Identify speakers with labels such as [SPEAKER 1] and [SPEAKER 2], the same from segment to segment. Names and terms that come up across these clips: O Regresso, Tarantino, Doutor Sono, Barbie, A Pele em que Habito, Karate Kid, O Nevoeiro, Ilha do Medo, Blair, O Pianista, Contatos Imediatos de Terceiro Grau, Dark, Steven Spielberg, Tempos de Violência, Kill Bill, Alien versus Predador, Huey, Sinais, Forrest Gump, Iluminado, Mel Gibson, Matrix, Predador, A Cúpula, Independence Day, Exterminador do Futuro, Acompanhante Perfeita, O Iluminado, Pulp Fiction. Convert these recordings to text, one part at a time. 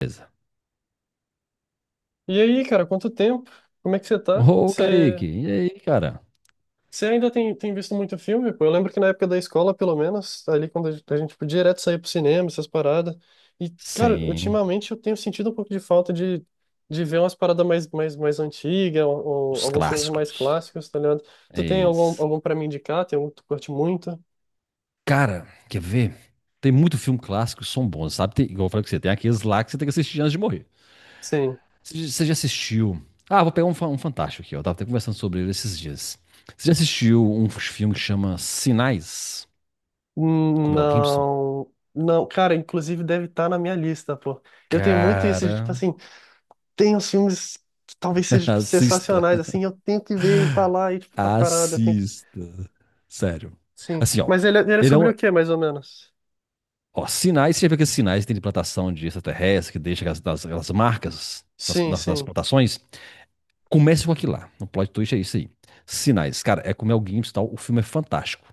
[SPEAKER 1] Beleza.
[SPEAKER 2] E aí, cara, quanto tempo? Como é que você tá?
[SPEAKER 1] Ô,
[SPEAKER 2] Você,
[SPEAKER 1] Kaique, e aí, cara?
[SPEAKER 2] você ainda tem visto muito filme? Pô, eu lembro que na época da escola, pelo menos, ali quando a gente podia direto sair pro cinema, essas paradas. E, cara,
[SPEAKER 1] Sim,
[SPEAKER 2] ultimamente eu tenho sentido um pouco de falta de ver umas paradas mais antigas, ou
[SPEAKER 1] os
[SPEAKER 2] alguns filmes mais
[SPEAKER 1] clássicos.
[SPEAKER 2] clássicos, tá ligado?
[SPEAKER 1] É
[SPEAKER 2] Tu tem algum,
[SPEAKER 1] isso.
[SPEAKER 2] algum pra me indicar? Tem algum que tu curte muito?
[SPEAKER 1] Cara, quer ver? Tem muito filme clássico que são bons, sabe? Tem, igual eu falei com você, tem aqueles lá que você tem que assistir antes de morrer.
[SPEAKER 2] Sim.
[SPEAKER 1] Você já assistiu? Ah, vou pegar um fantástico aqui, ó. Eu tava até conversando sobre ele esses dias. Você já assistiu um filme que chama Sinais, com
[SPEAKER 2] Hum.
[SPEAKER 1] Mel Gibson?
[SPEAKER 2] Não. Não, cara, inclusive deve estar na minha lista, pô. Eu tenho muito isso de, tipo
[SPEAKER 1] Cara,
[SPEAKER 2] assim, tem os filmes que talvez sejam
[SPEAKER 1] assista.
[SPEAKER 2] sensacionais, assim, eu tenho que ver e tá lá e, tipo, tá parado, eu tenho que...
[SPEAKER 1] Assista. Sério.
[SPEAKER 2] Sim,
[SPEAKER 1] Assim, ó.
[SPEAKER 2] mas ele, ele é
[SPEAKER 1] Ele é
[SPEAKER 2] sobre
[SPEAKER 1] um.
[SPEAKER 2] o quê, mais ou menos?
[SPEAKER 1] Ó, sinais, você já viu que sinais que tem de plantação de extraterrestre, que deixa aquelas, aquelas marcas nas,
[SPEAKER 2] Sim,
[SPEAKER 1] nas- nas
[SPEAKER 2] sim.
[SPEAKER 1] plantações? Comece com aquilo lá. O plot twist é isso aí. Sinais. Cara, é com o Mel Gibson e tal. O filme é fantástico.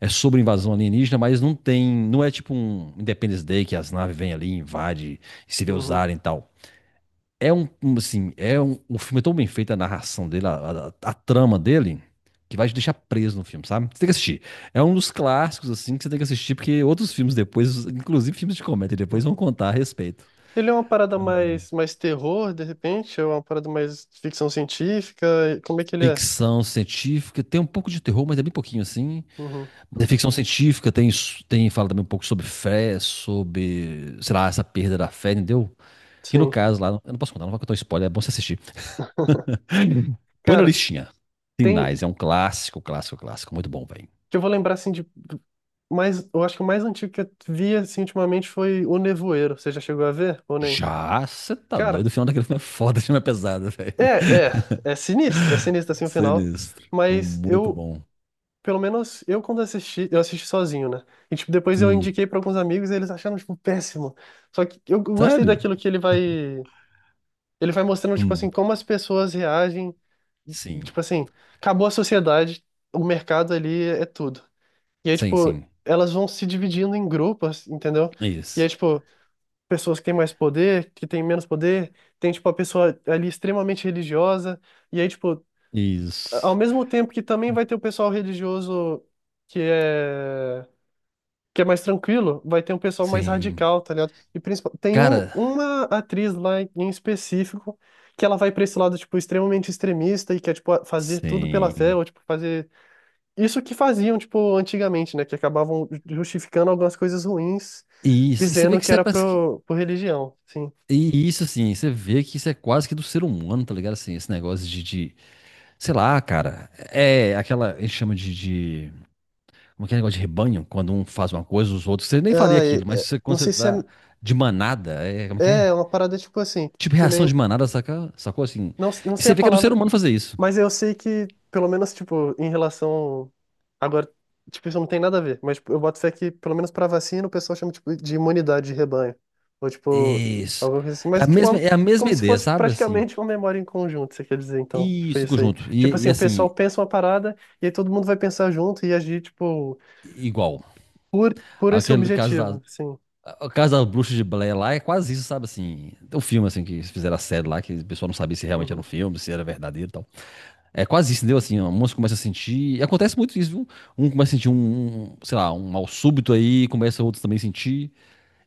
[SPEAKER 1] É sobre invasão alienígena, mas não tem. Não é tipo um Independence Day que as naves vêm ali, invadem, e se vê
[SPEAKER 2] Uhum,
[SPEAKER 1] usarem e tal. É um, assim, o filme é tão bem feito, a narração dele, a trama dele, que vai te deixar preso no filme, sabe? Você tem que assistir. É um dos clássicos, assim, que você tem que assistir, porque outros filmes depois, inclusive filmes de comédia, depois vão
[SPEAKER 2] uhum.
[SPEAKER 1] contar a respeito.
[SPEAKER 2] Ele é uma parada mais terror, de repente? Ou é uma parada mais ficção científica? E como é que ele é?
[SPEAKER 1] Ficção científica, tem um pouco de terror, mas é bem pouquinho, assim.
[SPEAKER 2] Uhum,
[SPEAKER 1] Mas é ficção científica, tem, fala também um pouco sobre fé, sobre, sei lá, essa perda da fé, entendeu? Que no
[SPEAKER 2] sim.
[SPEAKER 1] caso lá, eu não posso contar, não vou contar um spoiler, é bom você assistir. Põe na
[SPEAKER 2] Cara,
[SPEAKER 1] listinha.
[SPEAKER 2] tem...
[SPEAKER 1] Sinais, é um clássico, clássico, clássico. Muito bom, velho.
[SPEAKER 2] que eu vou lembrar, assim, de... mais, eu acho que o mais antigo que eu vi, assim, ultimamente foi O Nevoeiro. Você já chegou a ver ou nem?
[SPEAKER 1] Já, você tá doido.
[SPEAKER 2] Cara,
[SPEAKER 1] O final daquele filme é foda, o filme é pesado, velho.
[SPEAKER 2] é, é. É sinistro, assim, o final.
[SPEAKER 1] Sinistro.
[SPEAKER 2] Mas
[SPEAKER 1] Muito
[SPEAKER 2] eu,
[SPEAKER 1] bom.
[SPEAKER 2] Pelo menos eu quando assisti, eu assisti sozinho, né? E tipo, depois eu
[SPEAKER 1] Hum,
[SPEAKER 2] indiquei pra alguns amigos e eles acharam tipo péssimo. Só que eu gostei
[SPEAKER 1] sério?
[SPEAKER 2] daquilo que ele vai mostrando tipo assim
[SPEAKER 1] Hum,
[SPEAKER 2] como as pessoas reagem,
[SPEAKER 1] sim.
[SPEAKER 2] tipo assim, acabou a sociedade, o mercado ali é tudo. E aí
[SPEAKER 1] Sim,
[SPEAKER 2] tipo,
[SPEAKER 1] sim.
[SPEAKER 2] elas vão se dividindo em grupos, entendeu? E aí
[SPEAKER 1] Isso.
[SPEAKER 2] tipo, pessoas que têm mais poder, que têm menos poder, tem tipo a pessoa ali extremamente religiosa, e aí tipo, ao
[SPEAKER 1] Isso.
[SPEAKER 2] mesmo tempo que também vai ter o pessoal religioso que é que é mais tranquilo, vai ter um pessoal mais
[SPEAKER 1] Sim.
[SPEAKER 2] radical, tá ligado? E principal, tem
[SPEAKER 1] Cara,
[SPEAKER 2] uma atriz lá em específico que ela vai pra esse lado, tipo, extremamente extremista e quer, tipo, fazer tudo pela fé,
[SPEAKER 1] sim.
[SPEAKER 2] ou, tipo, fazer isso que faziam, tipo, antigamente, né? Que acabavam justificando algumas coisas ruins,
[SPEAKER 1] Isso. E você vê
[SPEAKER 2] dizendo
[SPEAKER 1] que
[SPEAKER 2] que
[SPEAKER 1] isso é
[SPEAKER 2] era
[SPEAKER 1] parece que.
[SPEAKER 2] por religião, sim.
[SPEAKER 1] E isso, assim, você vê que isso é quase que do ser humano, tá ligado? Assim, esse negócio de. Sei lá, cara, é aquela, a gente chama de, como é que é negócio de rebanho, quando um faz uma coisa, os outros, você nem faria
[SPEAKER 2] Ah,
[SPEAKER 1] aquilo, mas
[SPEAKER 2] é,
[SPEAKER 1] você, quando
[SPEAKER 2] não
[SPEAKER 1] você
[SPEAKER 2] sei se
[SPEAKER 1] tá de manada, é, como é que
[SPEAKER 2] é
[SPEAKER 1] é?
[SPEAKER 2] uma parada, tipo, assim,
[SPEAKER 1] Tipo
[SPEAKER 2] que
[SPEAKER 1] reação
[SPEAKER 2] nem,
[SPEAKER 1] de manada, saca? Sacou assim?
[SPEAKER 2] não
[SPEAKER 1] E
[SPEAKER 2] sei
[SPEAKER 1] você
[SPEAKER 2] a
[SPEAKER 1] vê que é do ser
[SPEAKER 2] palavra.
[SPEAKER 1] humano fazer isso.
[SPEAKER 2] Mas eu sei que, pelo menos, tipo, em relação. Agora, tipo, isso não tem nada a ver, mas tipo, eu boto fé que, pelo menos pra vacina, o pessoal chama, tipo, de imunidade de rebanho. Ou, tipo,
[SPEAKER 1] Isso.
[SPEAKER 2] alguma coisa assim.
[SPEAKER 1] É a
[SPEAKER 2] Mas, tipo,
[SPEAKER 1] mesma, é a mesma
[SPEAKER 2] como se
[SPEAKER 1] ideia,
[SPEAKER 2] fosse
[SPEAKER 1] sabe? Assim.
[SPEAKER 2] praticamente uma memória em conjunto, você quer dizer, então. Tipo,
[SPEAKER 1] Isso, em
[SPEAKER 2] isso aí.
[SPEAKER 1] conjunto.
[SPEAKER 2] Tipo
[SPEAKER 1] E,
[SPEAKER 2] assim,
[SPEAKER 1] e
[SPEAKER 2] o pessoal
[SPEAKER 1] assim,
[SPEAKER 2] pensa uma parada e aí todo mundo vai pensar junto e agir, tipo,
[SPEAKER 1] igual.
[SPEAKER 2] por esse
[SPEAKER 1] Aquele caso da.
[SPEAKER 2] objetivo, assim.
[SPEAKER 1] O caso da bruxa de Blair lá é quase isso, sabe? Assim, tem um filme assim que eles fizeram a série lá, que o pessoal não sabia se realmente era um
[SPEAKER 2] Uhum,
[SPEAKER 1] filme, se era verdadeiro e tal. É quase isso, entendeu? Assim, ó, moça começa a sentir. E acontece muito isso, viu? Um começa a sentir um, sei lá, um mal súbito aí, começa outros também a sentir.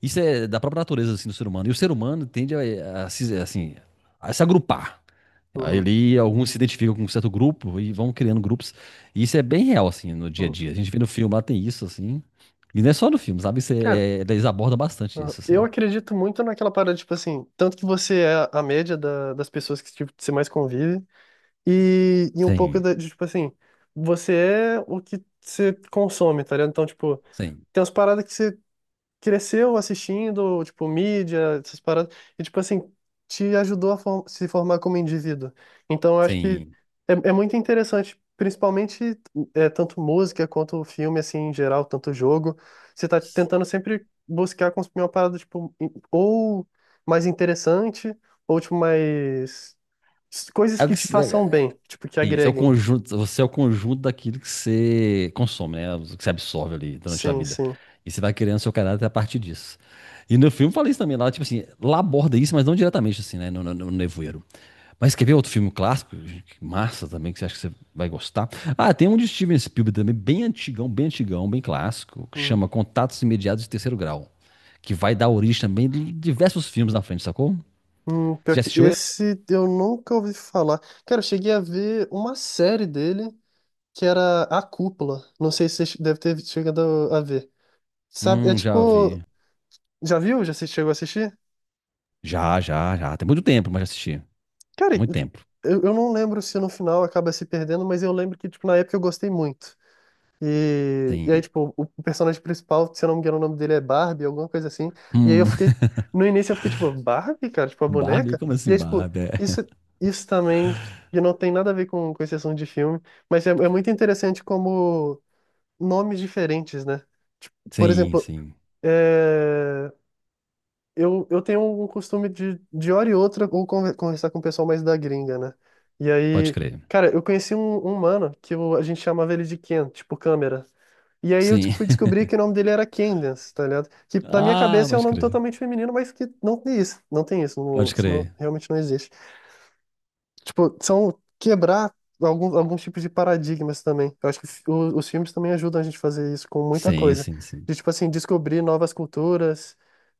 [SPEAKER 1] Isso é da própria natureza assim, do ser humano. E o ser humano tende a se, assim, a se agrupar.
[SPEAKER 2] uhum,
[SPEAKER 1] Ele, alguns se identificam com um certo grupo e vão criando grupos. E isso é bem real, assim, no dia a
[SPEAKER 2] uhum.
[SPEAKER 1] dia. A gente vê no filme lá, tem isso, assim. E não é só no filme, sabe? Isso
[SPEAKER 2] Cara.
[SPEAKER 1] é, eles abordam bastante
[SPEAKER 2] Uhum.
[SPEAKER 1] isso,
[SPEAKER 2] Eu
[SPEAKER 1] assim.
[SPEAKER 2] acredito muito naquela parada, tipo assim, tanto que você é a média das pessoas que tipo, você mais convive. E um pouco
[SPEAKER 1] Sim,
[SPEAKER 2] tipo assim, você é o que você consome, tá ligado? Então, tipo,
[SPEAKER 1] sim,
[SPEAKER 2] tem umas paradas que você cresceu assistindo, tipo, mídia, essas paradas, e, tipo assim, te ajudou a se formar como indivíduo. Então, eu acho que
[SPEAKER 1] sim.
[SPEAKER 2] é muito interessante, principalmente é, tanto música quanto filme, assim, em geral, tanto jogo. Você tá tentando sempre buscar consumir uma parada, tipo, ou mais interessante, ou, tipo, mais. Coisas
[SPEAKER 1] É o
[SPEAKER 2] que
[SPEAKER 1] que
[SPEAKER 2] te
[SPEAKER 1] se-
[SPEAKER 2] façam
[SPEAKER 1] é,
[SPEAKER 2] bem, tipo, que
[SPEAKER 1] Isso, é o
[SPEAKER 2] agreguem.
[SPEAKER 1] conjunto, você é o conjunto daquilo que você consome, né? O que você absorve ali durante a
[SPEAKER 2] Sim,
[SPEAKER 1] vida.
[SPEAKER 2] sim.
[SPEAKER 1] E você vai criando seu caráter a partir disso. E no filme eu falei isso também, lá, tipo assim, lá aborda isso, mas não diretamente, assim, né? No nevoeiro. Mas quer ver outro filme clássico? Que massa também, que você acha que você vai gostar. Ah, tem um de Steven Spielberg também, bem antigão, bem antigão, bem clássico, que
[SPEAKER 2] Hum,
[SPEAKER 1] chama Contatos Imediatos de Terceiro Grau. Que vai dar origem também de diversos filmes na frente, sacou?
[SPEAKER 2] hum, pior
[SPEAKER 1] Você já
[SPEAKER 2] que
[SPEAKER 1] assistiu esse?
[SPEAKER 2] esse eu nunca ouvi falar. Cara, eu cheguei a ver uma série dele que era A Cúpula. Não sei se você deve ter chegado a ver. Sabe, é
[SPEAKER 1] Já
[SPEAKER 2] tipo.
[SPEAKER 1] vi.
[SPEAKER 2] Já viu? Já se chegou a assistir?
[SPEAKER 1] Já, já, já. Tem muito tempo, mas já assisti.
[SPEAKER 2] Cara,
[SPEAKER 1] Muito tempo.
[SPEAKER 2] eu não lembro se no final acaba se perdendo, mas eu lembro que, tipo, na época eu gostei muito. E aí,
[SPEAKER 1] Sim.
[SPEAKER 2] tipo, o personagem principal, se eu não me engano, o nome dele é Barbie, alguma coisa assim. E aí eu
[SPEAKER 1] Hum.
[SPEAKER 2] fiquei, no início eu fiquei, tipo, Barbie, cara, tipo, a
[SPEAKER 1] Barbie?
[SPEAKER 2] boneca?
[SPEAKER 1] Como
[SPEAKER 2] E
[SPEAKER 1] assim,
[SPEAKER 2] aí, tipo,
[SPEAKER 1] Barbie? É.
[SPEAKER 2] isso, isso também, que não tem nada a ver com esse assunto de filme, mas é muito interessante como nomes diferentes, né? Por
[SPEAKER 1] Sim,
[SPEAKER 2] exemplo,
[SPEAKER 1] sim.
[SPEAKER 2] é, eu tenho um costume de hora e outra, ou conversar com o pessoal mais da gringa, né? E
[SPEAKER 1] Pode
[SPEAKER 2] aí,
[SPEAKER 1] crer.
[SPEAKER 2] cara, eu conheci um mano que a gente chamava ele de Ken, tipo câmera. E aí eu
[SPEAKER 1] Sim.
[SPEAKER 2] fui descobrir que o nome dele era Candace, tá ligado? Que na minha
[SPEAKER 1] Ah,
[SPEAKER 2] cabeça é um
[SPEAKER 1] pode
[SPEAKER 2] nome
[SPEAKER 1] crer.
[SPEAKER 2] totalmente feminino, mas que não tem isso, não tem isso,
[SPEAKER 1] Pode
[SPEAKER 2] isso
[SPEAKER 1] crer.
[SPEAKER 2] realmente não existe. Tipo, são quebrar algum, alguns tipos de paradigmas também. Eu acho que os filmes também ajudam a gente a fazer isso com muita
[SPEAKER 1] Sim,
[SPEAKER 2] coisa.
[SPEAKER 1] sim, sim.
[SPEAKER 2] De, tipo assim, descobrir novas culturas.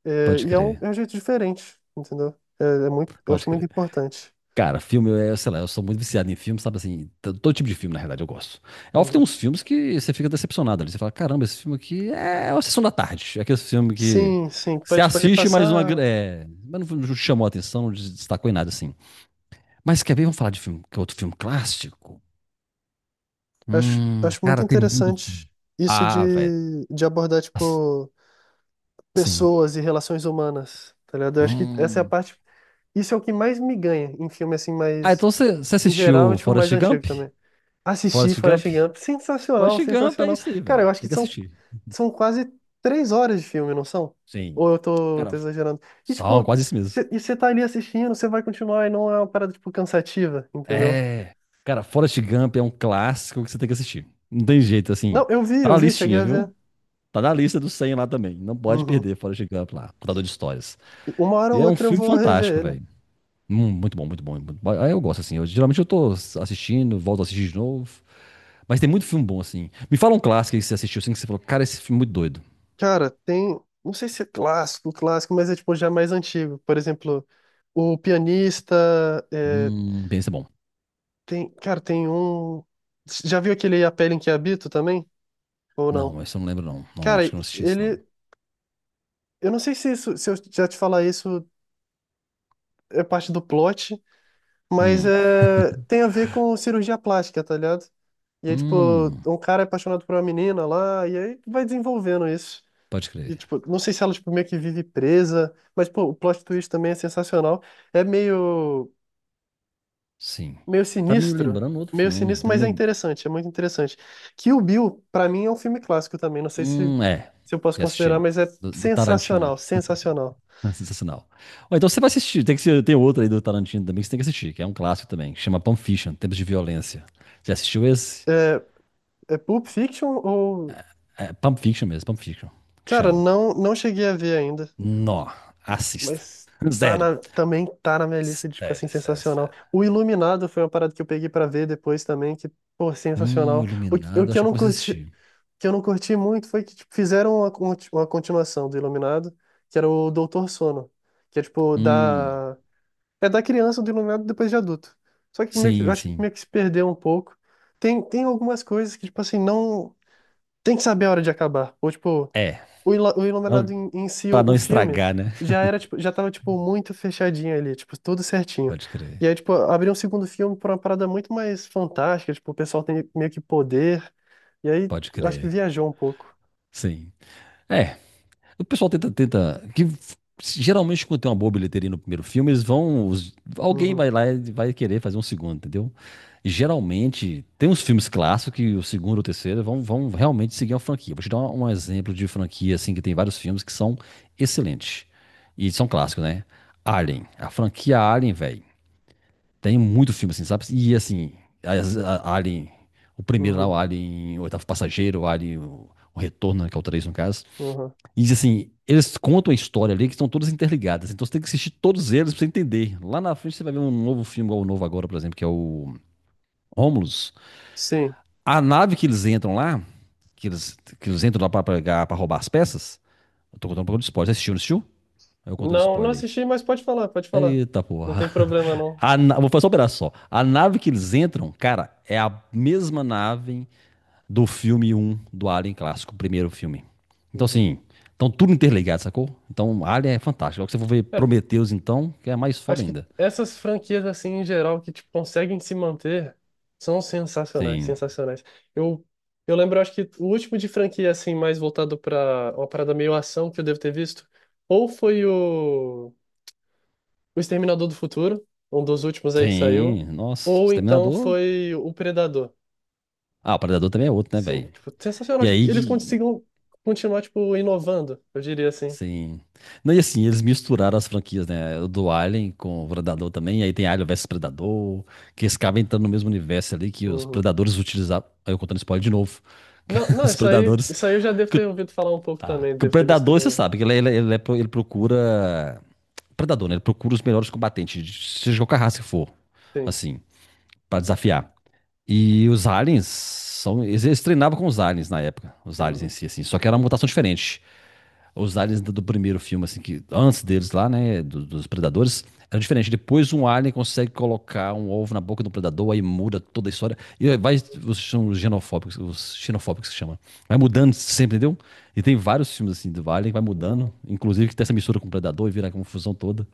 [SPEAKER 2] É,
[SPEAKER 1] Pode
[SPEAKER 2] e é
[SPEAKER 1] crer.
[SPEAKER 2] é um jeito diferente, entendeu? É, é muito, eu
[SPEAKER 1] Pode
[SPEAKER 2] acho muito
[SPEAKER 1] crer.
[SPEAKER 2] importante.
[SPEAKER 1] Cara, filme, eu, sei lá, eu sou muito viciado em filme, sabe assim? Todo tipo de filme, na realidade, eu gosto. É óbvio que tem
[SPEAKER 2] Uhum.
[SPEAKER 1] uns filmes que você fica decepcionado ali. Você fala, caramba, esse filme aqui é uma sessão da tarde. É aquele filme que
[SPEAKER 2] Sim, sim. Vai,
[SPEAKER 1] você
[SPEAKER 2] tipo, ali
[SPEAKER 1] assiste, mas uma.
[SPEAKER 2] passar.
[SPEAKER 1] É, mas não te chamou a atenção, não te destacou em nada, assim. Mas quer ver? Vamos falar de filme, que é outro filme clássico.
[SPEAKER 2] Acho muito
[SPEAKER 1] Cara, tem muito.
[SPEAKER 2] interessante isso
[SPEAKER 1] Ah, velho.
[SPEAKER 2] de abordar,
[SPEAKER 1] As-
[SPEAKER 2] tipo,
[SPEAKER 1] Sim.
[SPEAKER 2] pessoas e relações humanas, tá ligado? Eu acho que essa é a
[SPEAKER 1] Hum.
[SPEAKER 2] parte. Isso é o que mais me ganha em filme, assim,
[SPEAKER 1] Ah,
[SPEAKER 2] mais.
[SPEAKER 1] então você
[SPEAKER 2] Em geral, e,
[SPEAKER 1] assistiu
[SPEAKER 2] tipo, mais
[SPEAKER 1] Forrest
[SPEAKER 2] antigo
[SPEAKER 1] Gump?
[SPEAKER 2] também. Assisti
[SPEAKER 1] Forrest
[SPEAKER 2] Forrest
[SPEAKER 1] Gump?
[SPEAKER 2] Gump. Sensacional,
[SPEAKER 1] Forrest Gump é
[SPEAKER 2] sensacional.
[SPEAKER 1] isso aí,
[SPEAKER 2] Cara,
[SPEAKER 1] velho.
[SPEAKER 2] eu acho
[SPEAKER 1] Tem
[SPEAKER 2] que
[SPEAKER 1] que assistir.
[SPEAKER 2] são quase 3 horas de filme, não são?
[SPEAKER 1] Sim.
[SPEAKER 2] Ou eu
[SPEAKER 1] Cara,
[SPEAKER 2] tô exagerando? E,
[SPEAKER 1] são
[SPEAKER 2] tipo,
[SPEAKER 1] quase isso mesmo.
[SPEAKER 2] e você tá ali assistindo, você vai continuar e não é uma parada, tipo, cansativa, entendeu?
[SPEAKER 1] É. Cara, Forrest Gump é um clássico que você tem que assistir. Não tem jeito, assim.
[SPEAKER 2] Não,
[SPEAKER 1] Tá
[SPEAKER 2] eu
[SPEAKER 1] na
[SPEAKER 2] vi, cheguei
[SPEAKER 1] listinha,
[SPEAKER 2] a
[SPEAKER 1] viu?
[SPEAKER 2] ver.
[SPEAKER 1] Tá na lista do 100 lá também. Não pode
[SPEAKER 2] Uhum.
[SPEAKER 1] perder Forrest Gump lá, contador de histórias.
[SPEAKER 2] E uma hora
[SPEAKER 1] E
[SPEAKER 2] ou
[SPEAKER 1] é um
[SPEAKER 2] outra eu
[SPEAKER 1] filme
[SPEAKER 2] vou rever
[SPEAKER 1] fantástico,
[SPEAKER 2] ele.
[SPEAKER 1] velho. Muito bom, muito bom. Muito bom. Aí eu gosto, assim. Geralmente eu tô assistindo, volto a assistir de novo. Mas tem muito filme bom, assim. Me fala um clássico aí que você assistiu, assim, que você falou, cara, esse filme é muito doido.
[SPEAKER 2] Cara, tem. Não sei se é clássico, clássico, mas é, tipo, já mais antigo. Por exemplo, O Pianista. É,
[SPEAKER 1] Pensa bom.
[SPEAKER 2] tem, cara, tem um. Já viu aquele A Pele em que Habito também? Ou não?
[SPEAKER 1] Não, esse eu não lembro, não. Não,
[SPEAKER 2] Cara,
[SPEAKER 1] acho que eu não assisti isso, não.
[SPEAKER 2] ele. Eu não sei se isso, se eu já te falar isso é parte do plot, mas
[SPEAKER 1] Hum,
[SPEAKER 2] é, tem a ver com cirurgia plástica, tá ligado? E aí, tipo,
[SPEAKER 1] hum,
[SPEAKER 2] um cara é apaixonado por uma menina lá, e aí vai desenvolvendo isso.
[SPEAKER 1] pode
[SPEAKER 2] E,
[SPEAKER 1] crer.
[SPEAKER 2] tipo, não sei se ela, tipo, meio que vive presa, mas, pô, o plot twist também é sensacional. É meio,
[SPEAKER 1] Sim.
[SPEAKER 2] meio
[SPEAKER 1] Tá me
[SPEAKER 2] sinistro,
[SPEAKER 1] lembrando outro
[SPEAKER 2] meio
[SPEAKER 1] filme.
[SPEAKER 2] sinistro,
[SPEAKER 1] Tá me
[SPEAKER 2] mas é
[SPEAKER 1] lembrando.
[SPEAKER 2] interessante, é muito interessante. Kill Bill, pra mim, é um filme clássico também, não sei se,
[SPEAKER 1] É.
[SPEAKER 2] se eu posso
[SPEAKER 1] Já
[SPEAKER 2] considerar,
[SPEAKER 1] assisti.
[SPEAKER 2] mas é
[SPEAKER 1] Do Tarantino.
[SPEAKER 2] sensacional, sensacional.
[SPEAKER 1] Sensacional. Ó, então você vai assistir. Tem que ser, tem outro aí do Tarantino também que você tem que assistir, que é um clássico também, que chama Pulp Fiction, Tempos de Violência. Você assistiu esse?
[SPEAKER 2] É Pulp Fiction ou.
[SPEAKER 1] É, Pump Fiction mesmo, Pump Fiction, que
[SPEAKER 2] Cara,
[SPEAKER 1] chama.
[SPEAKER 2] não, não cheguei a ver ainda,
[SPEAKER 1] Nó, assista.
[SPEAKER 2] mas tá
[SPEAKER 1] Sério.
[SPEAKER 2] na, também tá na minha lista de, tipo assim,
[SPEAKER 1] Sério, sério,
[SPEAKER 2] sensacional.
[SPEAKER 1] sério.
[SPEAKER 2] O Iluminado foi uma parada que eu peguei pra ver depois também, que, pô, sensacional. O, o
[SPEAKER 1] Iluminado,
[SPEAKER 2] que
[SPEAKER 1] acho
[SPEAKER 2] eu
[SPEAKER 1] que eu
[SPEAKER 2] não
[SPEAKER 1] comecei a
[SPEAKER 2] curti,
[SPEAKER 1] assistir.
[SPEAKER 2] que eu não curti muito foi que tipo, fizeram uma, uma continuação do Iluminado, que era o Doutor Sono, que é tipo
[SPEAKER 1] Hum,
[SPEAKER 2] da. É da criança do Iluminado depois de adulto. Só que meio que, eu
[SPEAKER 1] sim,
[SPEAKER 2] acho que
[SPEAKER 1] sim.
[SPEAKER 2] meio que se perdeu um pouco. Tem, tem algumas coisas que, tipo assim, não. Tem que saber a hora de acabar. Ou, tipo.
[SPEAKER 1] É.
[SPEAKER 2] O Iluminado
[SPEAKER 1] Não-
[SPEAKER 2] em, em si,
[SPEAKER 1] Pra
[SPEAKER 2] o
[SPEAKER 1] não
[SPEAKER 2] filme,
[SPEAKER 1] estragar, né?
[SPEAKER 2] já era, tipo, já tava, tipo, muito fechadinho ali, tipo, tudo certinho.
[SPEAKER 1] Pode
[SPEAKER 2] E
[SPEAKER 1] crer,
[SPEAKER 2] aí, tipo, abriu um segundo filme pra uma parada muito mais fantástica, tipo, o pessoal tem meio que poder. E aí,
[SPEAKER 1] pode
[SPEAKER 2] eu acho que
[SPEAKER 1] crer.
[SPEAKER 2] viajou um pouco.
[SPEAKER 1] Sim. É, o pessoal tenta, tenta, que geralmente quando tem uma boa bilheteria no primeiro filme, eles vão, alguém
[SPEAKER 2] Uhum,
[SPEAKER 1] vai lá e vai querer fazer um segundo, entendeu? Geralmente tem uns filmes clássicos que o segundo ou o terceiro vão realmente seguir a franquia. Vou te dar um exemplo de franquia assim que tem vários filmes que são excelentes e são clássicos, né? Alien, a franquia Alien, velho, tem muito filme assim, sabe? E assim, Alien, o primeiro lá, o
[SPEAKER 2] uhum,
[SPEAKER 1] Alien, o oitavo passageiro, o Alien, o retorno, né, que é o 3 no caso.
[SPEAKER 2] uhum.
[SPEAKER 1] E assim, eles contam a história ali que estão todas interligadas. Então você tem que assistir todos eles pra você entender. Lá na frente você vai ver um novo filme, igual o novo agora, por exemplo, que é o Romulus.
[SPEAKER 2] Sim.
[SPEAKER 1] A nave que eles entram lá, que eles entram lá pra, pegar, pra roubar as peças. Eu tô contando um pouco de spoiler. Você assistiu, não assistiu? Eu contando
[SPEAKER 2] Não, não
[SPEAKER 1] spoiler aí.
[SPEAKER 2] assisti, mas pode falar, pode falar.
[SPEAKER 1] Eita
[SPEAKER 2] Não tem
[SPEAKER 1] porra.
[SPEAKER 2] problema, não.
[SPEAKER 1] Vou fazer só um pedaço só. A nave que eles entram, cara, é a mesma nave do filme um do Alien clássico, o primeiro filme. Então,
[SPEAKER 2] Uhum.
[SPEAKER 1] assim, então tudo interligado, sacou? Então, Alien é fantástico. Logo que você for ver Prometheus, então, que é mais foda
[SPEAKER 2] Acho que
[SPEAKER 1] ainda.
[SPEAKER 2] essas franquias, assim, em geral, que, tipo, conseguem se manter, são sensacionais,
[SPEAKER 1] Sim,
[SPEAKER 2] sensacionais. Eu, eu lembro, acho que o último de franquia, assim, mais voltado para uma parada meio ação que eu devo ter visto, ou foi o Exterminador do Futuro, um dos últimos aí que saiu,
[SPEAKER 1] sim, nossa,
[SPEAKER 2] ou então
[SPEAKER 1] Exterminador.
[SPEAKER 2] foi o Predador.
[SPEAKER 1] Ah, o Predador também é outro, né,
[SPEAKER 2] Sim,
[SPEAKER 1] velho?
[SPEAKER 2] tipo, sensacional.
[SPEAKER 1] E
[SPEAKER 2] Tipo,
[SPEAKER 1] aí
[SPEAKER 2] eles
[SPEAKER 1] que.
[SPEAKER 2] conseguem continuar, tipo, inovando, eu diria assim.
[SPEAKER 1] Sim. Não, e assim, eles misturaram as franquias, né? O do Alien com o Predador também. E aí tem Alien versus Predador, que eles acabam entrando no mesmo universo ali que os
[SPEAKER 2] Uhum.
[SPEAKER 1] Predadores utilizavam. Aí eu contando spoiler de novo.
[SPEAKER 2] Não, não,
[SPEAKER 1] Os Predadores
[SPEAKER 2] isso aí eu já devo
[SPEAKER 1] que
[SPEAKER 2] ter ouvido falar um pouco
[SPEAKER 1] Ah,
[SPEAKER 2] também,
[SPEAKER 1] que o
[SPEAKER 2] devo ter visto
[SPEAKER 1] predador, você
[SPEAKER 2] no...
[SPEAKER 1] sabe, que ele procura. Predador, né? Ele procura os melhores combatentes, seja qualquer raça que for,
[SPEAKER 2] Sim.
[SPEAKER 1] assim, pra desafiar. E os aliens são. Eles treinavam com os aliens na época, os aliens em
[SPEAKER 2] Uhum.
[SPEAKER 1] si, assim. Só que era uma mutação diferente os aliens do primeiro filme, assim, que antes deles lá, né, dos predadores, era diferente. Depois um alien consegue colocar um ovo na boca do predador, aí muda toda a história. E aí vai, os são os genofóbicos, os xenofóbicos que chama. Vai mudando sempre, entendeu? E tem vários filmes, assim, do alien que vai mudando,
[SPEAKER 2] Não,
[SPEAKER 1] inclusive que tem essa mistura com o predador e vira a confusão toda.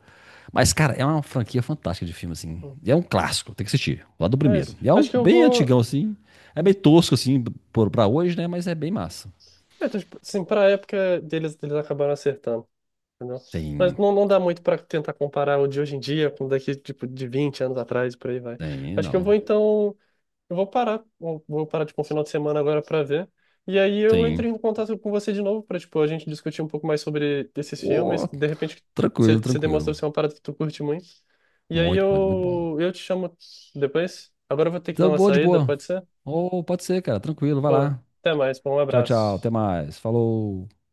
[SPEAKER 1] Mas, cara, é uma franquia fantástica de filme, assim.
[SPEAKER 2] não.
[SPEAKER 1] E é um clássico, tem que assistir, lá do
[SPEAKER 2] É
[SPEAKER 1] primeiro.
[SPEAKER 2] isso.
[SPEAKER 1] E é
[SPEAKER 2] Acho
[SPEAKER 1] um
[SPEAKER 2] que eu
[SPEAKER 1] bem antigão,
[SPEAKER 2] vou.
[SPEAKER 1] assim. É meio tosco, assim, pra hoje, né? Mas é bem massa.
[SPEAKER 2] É, então, tipo, assim, pra época deles, eles acabaram acertando, entendeu? Mas
[SPEAKER 1] Tem,
[SPEAKER 2] não, não dá muito pra tentar comparar o de hoje em dia com o daqui, tipo, de 20 anos atrás, por aí vai.
[SPEAKER 1] tem,
[SPEAKER 2] Acho que eu
[SPEAKER 1] não.
[SPEAKER 2] vou, então. Eu vou parar. Vou parar, tipo, um final de semana agora pra ver. E aí eu entro
[SPEAKER 1] Tem.
[SPEAKER 2] em contato com você de novo pra, tipo, a gente discutir um pouco mais sobre esses filmes,
[SPEAKER 1] Ô,
[SPEAKER 2] que de repente
[SPEAKER 1] tranquilo,
[SPEAKER 2] você demonstra
[SPEAKER 1] tranquilo.
[SPEAKER 2] ser uma parada que tu curte muito. E aí
[SPEAKER 1] Muito, muito, muito bom.
[SPEAKER 2] eu te chamo depois. Agora eu vou ter que dar
[SPEAKER 1] Tá
[SPEAKER 2] uma
[SPEAKER 1] boa, de
[SPEAKER 2] saída,
[SPEAKER 1] boa.
[SPEAKER 2] pode ser?
[SPEAKER 1] Ô, pode ser, cara. Tranquilo, vai
[SPEAKER 2] Pô,
[SPEAKER 1] lá.
[SPEAKER 2] até mais, pô, um
[SPEAKER 1] Tchau, tchau. Até
[SPEAKER 2] abraço.
[SPEAKER 1] mais. Falou.